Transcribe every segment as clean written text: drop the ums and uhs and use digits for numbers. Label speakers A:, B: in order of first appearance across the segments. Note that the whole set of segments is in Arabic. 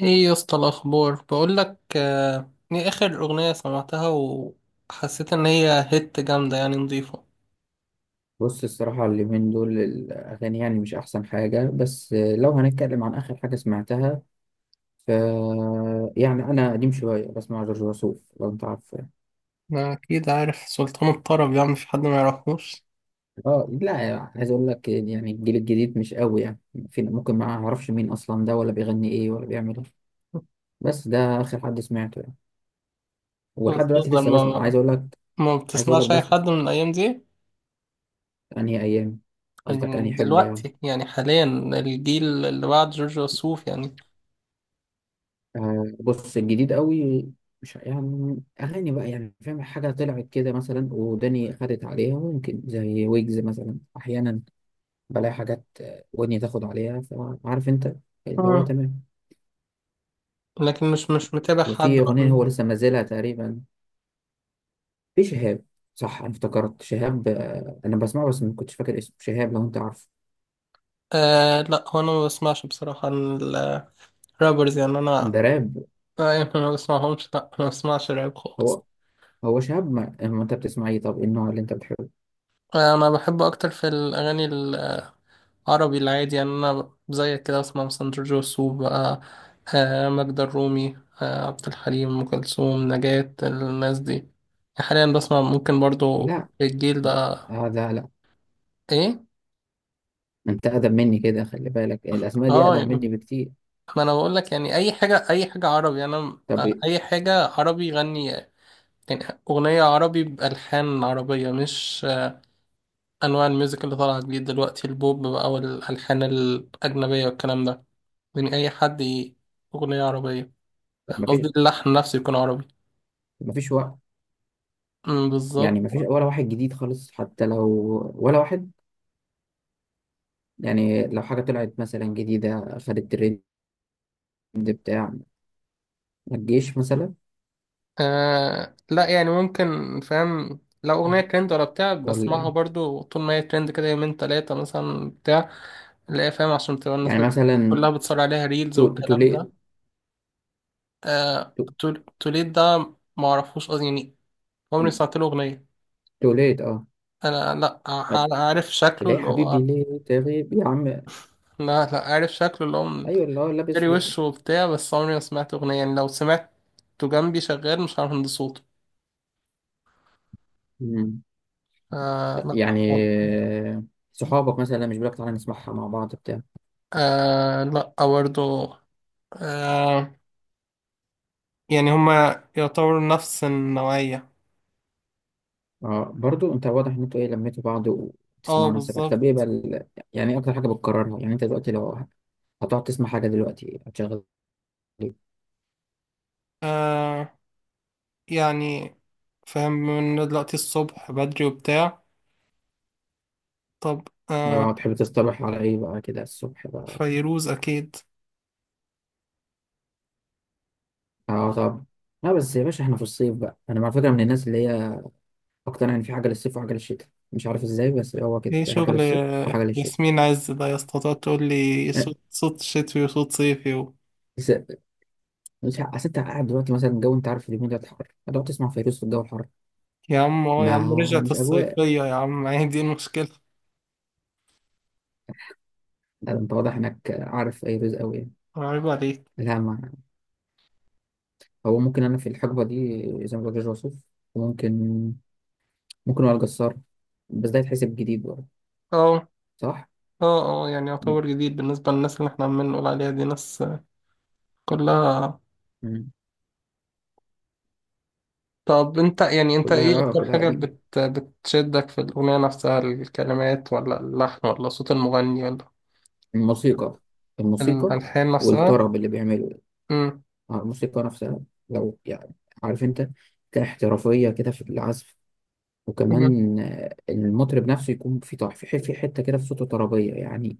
A: ايه يا اسطى الاخبار، بقول لك ايه اخر اغنيه سمعتها؟ وحسيت ان هي هيت جامده، يعني نضيفه.
B: بص، الصراحة اليومين دول الأغاني يعني مش أحسن حاجة. بس لو هنتكلم عن آخر حاجة سمعتها ف يعني أنا قديم شوية بسمع جورج وسوف لو أنت عارف.
A: ما اكيد عارف، سلطان الطرب، يعني مفيش حد ما يعرفوش.
B: آه، لا. عايز أقول لك يعني الجيل الجديد مش قوي يعني. فين؟ ممكن ما أعرفش مين أصلا ده ولا بيغني إيه ولا بيعمل إيه. بس ده آخر حد سمعته يعني.
A: بس
B: ولحد دلوقتي
A: تفضل،
B: لسه بسمع، عايز
A: ما
B: أقول لك.
A: ما بتسمعش اي
B: بس
A: حد من الايام دي؟
B: أنهي أيام؟ قصدك أنهي
A: يعني
B: حقبة يعني؟
A: دلوقتي، يعني حاليا، الجيل اللي بعد جورج وسوف يعني.
B: آه، بص الجديد قوي، مش يعني اغاني بقى، يعني فاهم حاجه طلعت كده مثلا وداني خدت عليها، ممكن زي ويجز مثلا احيانا بلاقي حاجات، ودني تاخد عليها، فعارف انت اللي هو
A: مم.
B: تمام.
A: لكن مش متابع حد
B: وفي
A: بقى.
B: اغنيه هو لسه منزلها تقريبا، في شهاب. صح، انا افتكرت شهاب. انا بسمعه بس ما كنتش فاكر اسمه شهاب لو انت عارفه.
A: آه لا، هو انا ما بسمعش بصراحه الرابرز يعني، انا
B: ده راب.
A: يعني ما بسمعهمش، لا ما بسمعش راب
B: هو
A: خالص.
B: هو شهاب. ما انت بتسمع ايه؟ طب إيه النوع اللي انت بتحبه؟
A: انا بحبه اكتر في الاغاني العربي العادي، يعني انا زيك كده، بسمع مثلا جورج وسوف بقى، ماجدة الرومي، عبد الحليم، ام كلثوم، نجاة، الناس دي يعني. حاليا بسمع ممكن برضو
B: لا،
A: الجيل
B: ده
A: ده.
B: ده لا.
A: ايه،
B: انت اقدم مني كده، خلي بالك الاسماء دي
A: اه
B: اقدم
A: يعني،
B: مني بكتير.
A: ما انا بقول لك يعني اي حاجه، اي حاجه عربي، يعني انا،
B: طب إيه؟
A: اي حاجه عربي يغني يعني. اغنيه عربي بالحان عربيه، مش انواع الميوزك اللي طالعه جديد دلوقتي، البوب بقى والالحان الاجنبيه والكلام ده. من أي حد أغنية عربية،
B: ما فيش.
A: قصدي اللحن نفسه يكون عربي.
B: وقت. يعني
A: بالظبط.
B: ما فيش ولا واحد جديد خالص حتى لو، ولا واحد. يعني لو حاجة طلعت مثلا جديدة خدت ترند بتاع الجيش مثلا،
A: آه لا، يعني ممكن فاهم، لو أغنية ترند ولا بتاع
B: ولا
A: بسمعها
B: إيه؟
A: برضو طول ما هي ترند، كده يومين تلاتة مثلا، بتاع. لا فاهم، عشان تبقى الناس
B: يعني مثلا
A: كلها بتصور عليها ريلز والكلام
B: توليت.
A: ده. آه
B: تو-
A: توليد ده معرفوش أصلا يعني. عمري سمعت له أغنية.
B: توليت، اه.
A: أنا لا عارف شكله
B: ليه يا
A: اللي هو.
B: حبيبي ليه تغيب يا عم.
A: لا، لا عارف شكله اللي هو
B: ايوه اللي هو لابس
A: جري
B: ب...
A: وشه وبتاع، بس عمري ما سمعت أغنية، يعني لو سمعته جنبي شغال مش عارف أهندي صوته.
B: مم.
A: آه لا
B: يعني
A: خالص.
B: صحابك مثلا مش بيقولك تعالى نسمعها مع بعض بتاع؟
A: آه لا برضه. آه، يعني هما يعتبروا نفس النوعية.
B: اه، برضو انت واضح ان انتوا ايه لميتوا بعض
A: اه
B: وتسمعوا نفس الحاجه.
A: بالظبط.
B: طب ايه بقى ال-؟ يعني ايه اكتر حاجه بتكررها؟ يعني انت دلوقتي لو هتقعد تسمع حاجه دلوقتي هتشغل ايه؟
A: آه، يعني فاهم، من دلوقتي الصبح بدري وبتاع. طب
B: اه، تحب تصطبح على ايه بقى كده الصبح بقى؟
A: فيروز أكيد.
B: اه، طب، لا بس يا باشا احنا في الصيف بقى. انا على فكره من الناس اللي هي اقتنع ان في حاجه للصيف وحاجه للشتاء، مش عارف ازاي، بس هو كده،
A: ايه
B: في حاجه
A: شغل
B: للصيف وحاجه للشتاء.
A: ياسمين عز ده يا اسطى، تقعد تقول لي
B: اه،
A: صوت صوت شتوي وصوت صيفي.
B: بس مش اصل انت قاعد دلوقتي مثلا الجو، انت عارف اليومين ده حر، هتقعد تسمع فيروز في الجو الحر؟
A: يا عم، يا عم،
B: ما
A: رجعت
B: مش اجواء.
A: الصيفية يا عم، هي دي المشكلة.
B: لا، انت واضح انك عارف فيروز قوي يعني.
A: عيب عليك.
B: لا، ما هو ممكن انا في الحقبه دي زي ما بقول وصوف، وممكن، ممكن وائل جسار، بس ده يتحسب جديد برضه.
A: اه
B: صح.
A: اه اه، يعني
B: م-
A: يعتبر جديد بالنسبة للناس اللي احنا عمالين نقول عليها، دي ناس كلها.
B: م.
A: طب انت، يعني انت ايه
B: كلها،
A: اكتر
B: كلها
A: حاجة
B: قديمه.
A: بتشدك في الأغنية نفسها؟ الكلمات، ولا اللحن، ولا صوت المغني، ولا
B: الموسيقى. الموسيقى
A: الألحان نفسها؟
B: والطرب اللي بيعمله.
A: امم
B: آه، الموسيقى نفسها لو يعني، عارف انت، كاحترافيه كده في العزف،
A: امم
B: وكمان المطرب نفسه يكون في في في حته كده في صوته طربيه يعني.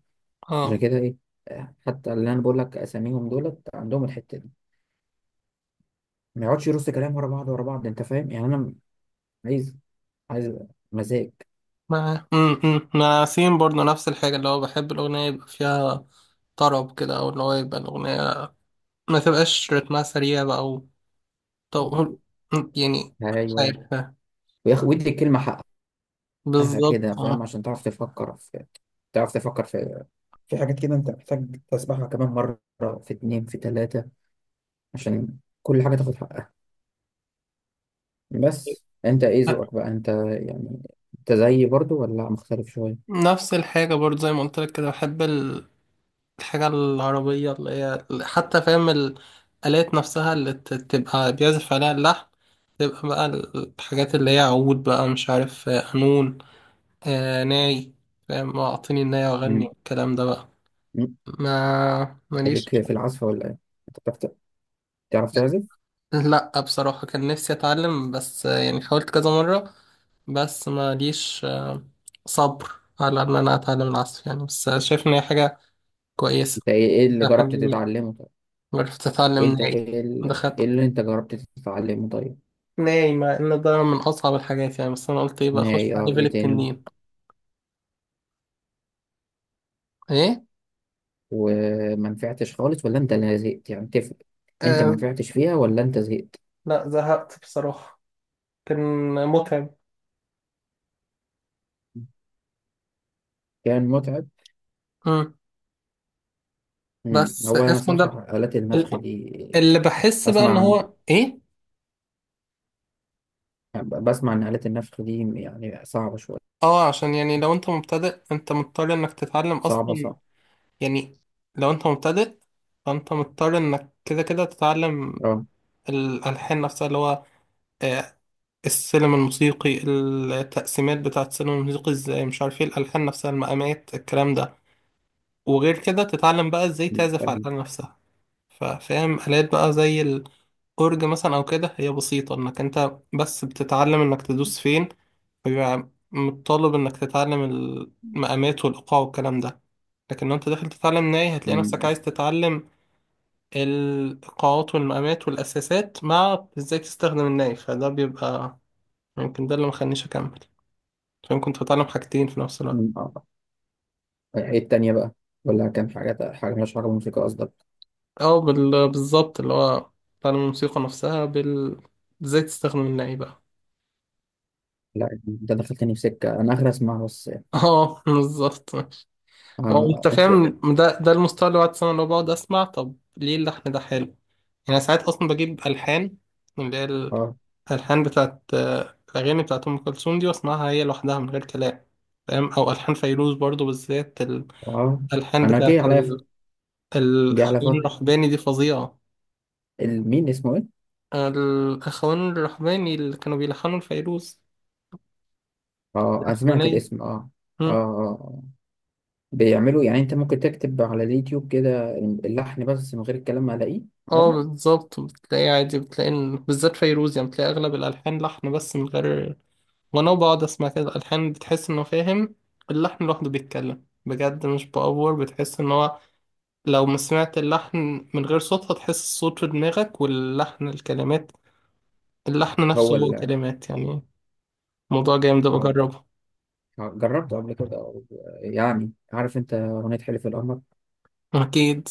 B: عشان
A: اه
B: كده ايه، حتى اللي انا بقول لك اساميهم دولت عندهم الحته دي، ما يقعدش يرص كلام ورا بعض ورا بعض. انت فاهم يعني. انا عايز عايز مزاج.
A: مع ياسين برضه نفس الحاجة، اللي هو بحب الأغنية يبقى فيها طرب كده، أو اللي هو يبقى الأغنية ما تبقاش رتمها سريع بقى. طب يعني، مش
B: ايوه،
A: عارفة.
B: ويدي الكلمه حقها كده
A: بالظبط،
B: فاهم،
A: اه.
B: عشان تعرف تفكر في في حاجات كده انت محتاج تسمعها كمان مره. في اتنين، في تلاته، عشان كل حاجه تاخد حقها. بس انت ايه ذوقك بقى انت؟ يعني انت زيي برضو ولا مختلف شويه؟
A: نفس الحاجة برضه، زي ما قلت لك كده، بحب الحاجة العربية، اللي هي حتى فاهم الآلات نفسها اللي تبقى بيعزف عليها اللحن، تبقى بقى الحاجات اللي هي عود بقى، مش عارف، قانون، ناي. فاهم؟ اعطيني الناي واغني
B: مم.
A: الكلام ده بقى.
B: مم.
A: ما
B: انت
A: ماليش.
B: ليك في العزف ولا ايه؟ انت تعرف تعزف؟
A: لا بصراحة كان نفسي اتعلم، بس يعني حاولت كذا مرة، بس ما ليش صبر على ان انا اتعلم العزف يعني، بس شايف ان هي حاجة كويسة،
B: انت ايه، اللي
A: حاجة
B: جربت
A: جميلة.
B: تتعلمه طيب؟
A: عرفت
B: إيه؟
A: اتعلم
B: انت
A: ناي.
B: إيه
A: دخلت
B: اللي انت جربت تتعلمه طيب؟
A: ناي، مع ان ده من اصعب الحاجات يعني، بس انا قلت ايه بقى، اخش
B: ناي.
A: على
B: اه،
A: ليفل
B: وايه تاني؟
A: التنين. ايه
B: وما نفعتش خالص ولا انت اللي زهقت؟ يعني تفرق. انت ما
A: آه
B: نفعتش فيها ولا انت زهقت؟
A: لا زهقت بصراحة، كان متعب.
B: كان متعب.
A: مم.
B: مم.
A: بس
B: هو انا
A: اسمه ده،
B: صراحة آلات النفخ
A: ال-
B: دي،
A: اللي بحس بقى ان
B: اسمع عن
A: هو ايه.
B: بسمع ان آلات النفخ دي يعني صعبة شوية.
A: اه، عشان يعني لو انت مبتدئ، انت مضطر انك تتعلم
B: صعبة
A: اصلا،
B: صعبة.
A: يعني لو انت مبتدئ، فانت مضطر انك كده كده تتعلم
B: اه،
A: الالحان نفسها، اللي هو آه، السلم الموسيقي، التقسيمات بتاعه السلم الموسيقي ازاي، مش عارف ايه، الالحان نفسها، المقامات، الكلام ده. وغير كده تتعلم بقى ازاي تعزف على
B: فاهم.
A: الآلة نفسها. فاهم؟ آلات بقى زي الأورج مثلا، أو كده، هي بسيطة إنك أنت بس بتتعلم إنك تدوس فين، فبيبقى متطلب إنك تتعلم المقامات والإيقاع والكلام ده. لكن لو انت داخل تتعلم ناي، هتلاقي نفسك
B: مم.
A: عايز تتعلم القاعات والمقامات والأساسات، مع إزاي تستخدم النايف، فده بيبقى يمكن ده اللي مخلينيش أكمل. فاهم؟ كنت بتعلم حاجتين في نفس الوقت.
B: مم. اه، ايه التانية بقى؟ ولا كان حاجة مالهاش علاقة بالموسيقى قصدك؟
A: أو بالظبط، اللي هو بتعلم الموسيقى نفسها، إزاي تستخدم النايف بقى.
B: لا، انت دخلتني في سكة، انا اخر اسمع بس.
A: اه بالظبط. هو
B: اه،
A: انت
B: انت-.
A: فاهم، ده المستوى اللي بعد سنة، اللي هو بقعد اسمع، طب ليه اللحن ده حلو؟ يعني ساعات اصلا بجيب الحان، اللي هي
B: اه،
A: الألحان بتاعت الأغاني بتاعت أم كلثوم، دي بسمعها هي لوحدها من غير كلام. فاهم؟ أو ألحان فيروز برضو بالذات،
B: اه،
A: الألحان
B: انا
A: بتاعت
B: جاي عليا جاي على
A: الأخوان
B: فترة.
A: الرحباني دي فظيعة.
B: مين اسمه ايه؟
A: الأخوان الرحباني اللي كانوا بيلحنوا لفيروز،
B: اه، انا سمعت
A: الرحبانية.
B: الاسم، اه. اه، اه،
A: مم.
B: آه. بيعملوا يعني انت ممكن تكتب على اليوتيوب كده اللحن بس من غير الكلام هلاقيه
A: اه
B: عادي.
A: بالظبط، بتلاقي عادي، بتلاقي بالذات فيروز، يعني بتلاقي أغلب الألحان لحن بس من غير. وأنا بقعد أسمع كده الألحان، بتحس إنه، فاهم، اللحن لوحده بيتكلم بجد، مش بأفور. بتحس إن هو، لو ما سمعت اللحن من غير صوت، هتحس الصوت في دماغك، واللحن الكلمات، اللحن نفسه
B: هو
A: هو
B: ال
A: كلمات يعني. موضوع جامد،
B: آه،
A: بجربه.
B: آه، جربته قبل كده أو-؟ يعني عارف انت اغنية حلف القمر؟
A: أكيد.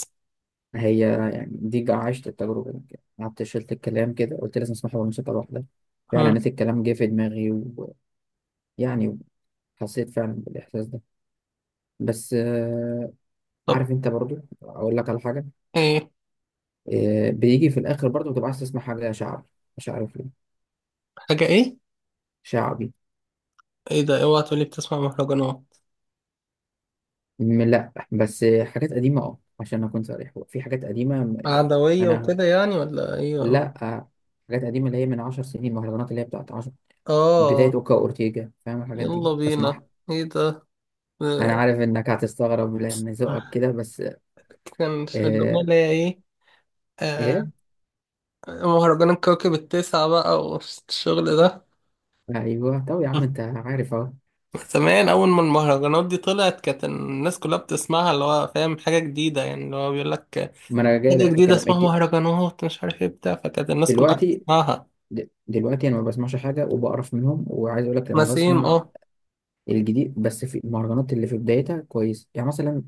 B: هي يعني دي عشت التجربة دي، قعدت شلت الكلام كده قلت لازم اسمعها بالموسيقى لوحدها، فعلا
A: مم.
B: نسيت الكلام جه في دماغي. ويعني حسيت فعلا بالإحساس ده. بس
A: طب
B: عارف انت برضو، اقول لك على حاجة.
A: إيه؟
B: بيجي في الاخر برضو بتبقى عايز تسمع حاجة شعبي. مش عارف ليه.
A: حاجة إيه؟
B: شعبي.
A: إيه ده، أوعى تقولي بتسمع مهرجانات!
B: لا بس حاجات قديمة، اه، عشان أكون صريح، هو في حاجات قديمة يعني.
A: عدوية
B: أنا.
A: وكده يعني، ولا إيه؟ آه.
B: لا. حاجات قديمة اللي هي من عشر سنين، مهرجانات اللي هي بتاعت عشر، بداية
A: آه،
B: أوكا أورتيجا، فاهم الحاجات
A: يلا
B: دي بسمعها.
A: بينا، إيه ده؟
B: أنا
A: آه،
B: عارف إنك هتستغرب لأن ذوقك كده بس.
A: كان الأغنية
B: إيه.
A: اللي هي إيه؟
B: إيه.
A: آه، مهرجان الكوكب التسعة بقى، والشغل ده.
B: أيوه، طب يا عم أنت عارف أهو،
A: زمان أول ما المهرجانات دي طلعت، كانت الناس كلها بتسمعها، اللي هو فاهم، حاجة جديدة يعني، اللي هو بيقول لك
B: ما أنا
A: حاجة
B: جايلك في
A: جديدة
B: كلام
A: اسمها مهرجانات، مش عارف ايه بتاع، فكانت الناس كلها
B: دلوقتي،
A: بتسمعها.
B: دلوقتي أنا ما بسمعش حاجة وبقرف منهم، وعايز أقول لك لما
A: نسيم،
B: بسمع
A: اه.
B: الجديد. بس في المهرجانات اللي في بدايتها كويس، يعني مثلا،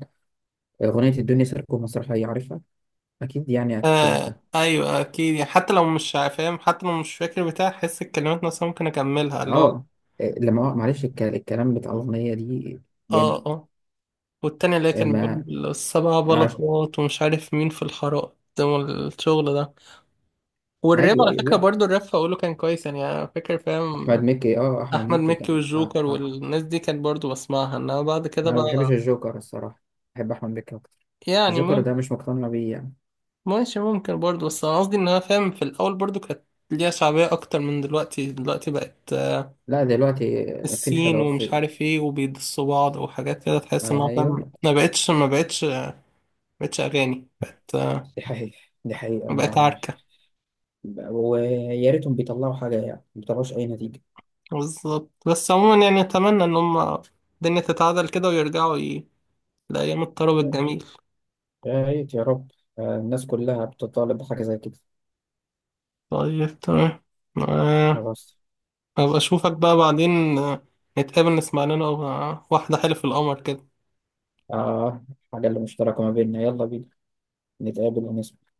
B: أغنية الدنيا سيركو مسرحية عارفها، اكيد، يعني اكيد سمعتها،
A: أيوة أكيد، يعني حتى لو مش فاهم، حتى لو مش فاكر بتاع، أحس الكلمات نفسها ممكن أكملها اللي هو.
B: اه. إيه، لما معلش، الكلام بتاع الاغنيه دي جامد.
A: اه اه. والتاني اللي
B: إيه،
A: كان
B: ما
A: بيقول السبع
B: عش...
A: بلاطات، ومش عارف مين في الحارات، والشغل ده. والراب
B: ايوه
A: على
B: ايوه،
A: فكرة
B: لا
A: برضو، الراب فأقوله كان كويس يعني، أنا فاكر
B: احمد
A: فاهم.
B: مكي. اه، احمد
A: احمد
B: مكي
A: مكي
B: كان، آه،
A: والجوكر
B: آه.
A: والناس دي كانت برضو بسمعها، انها بعد كده
B: انا ما بحبش
A: بقى،
B: الجوكر الصراحه، بحب احمد مكي اكتر،
A: يعني
B: الجوكر ده مش مقتنع بيه يعني.
A: ماشي، ممكن برضو، بس انا قصدي، انها فاهم في الاول برضو كانت ليها شعبية اكتر من دلوقتي. دلوقتي بقت
B: لا دلوقتي في
A: الصين،
B: انحدار
A: ومش
B: في،
A: عارف ايه، وبيدسوا بعض، وحاجات كده تحس انها
B: ايوه،
A: فاهم، ما بقتش ما بقتش ما بقتش اغاني، بقت
B: دي حقيقه، دي حقيقه،
A: بقت
B: ما.
A: عركة.
B: ويا ريتهم بيطلعوا حاجه يعني، ما بيطلعوش اي نتيجه.
A: بالظبط، بس عموما يعني، اتمنى ان هم الدنيا تتعدل كده، ويرجعوا لايام الطرب الجميل.
B: يا ريت يا رب. آه، الناس كلها بتطالب بحاجه زي كده.
A: طيب تمام، آه،
B: خلاص.
A: أبقى أشوفك بقى بعدين، نتقابل نسمع لنا واحدة حلف القمر كده.
B: آه. حاجة اللي مشتركة ما بيننا، يلا بينا نتقابل ونسمع.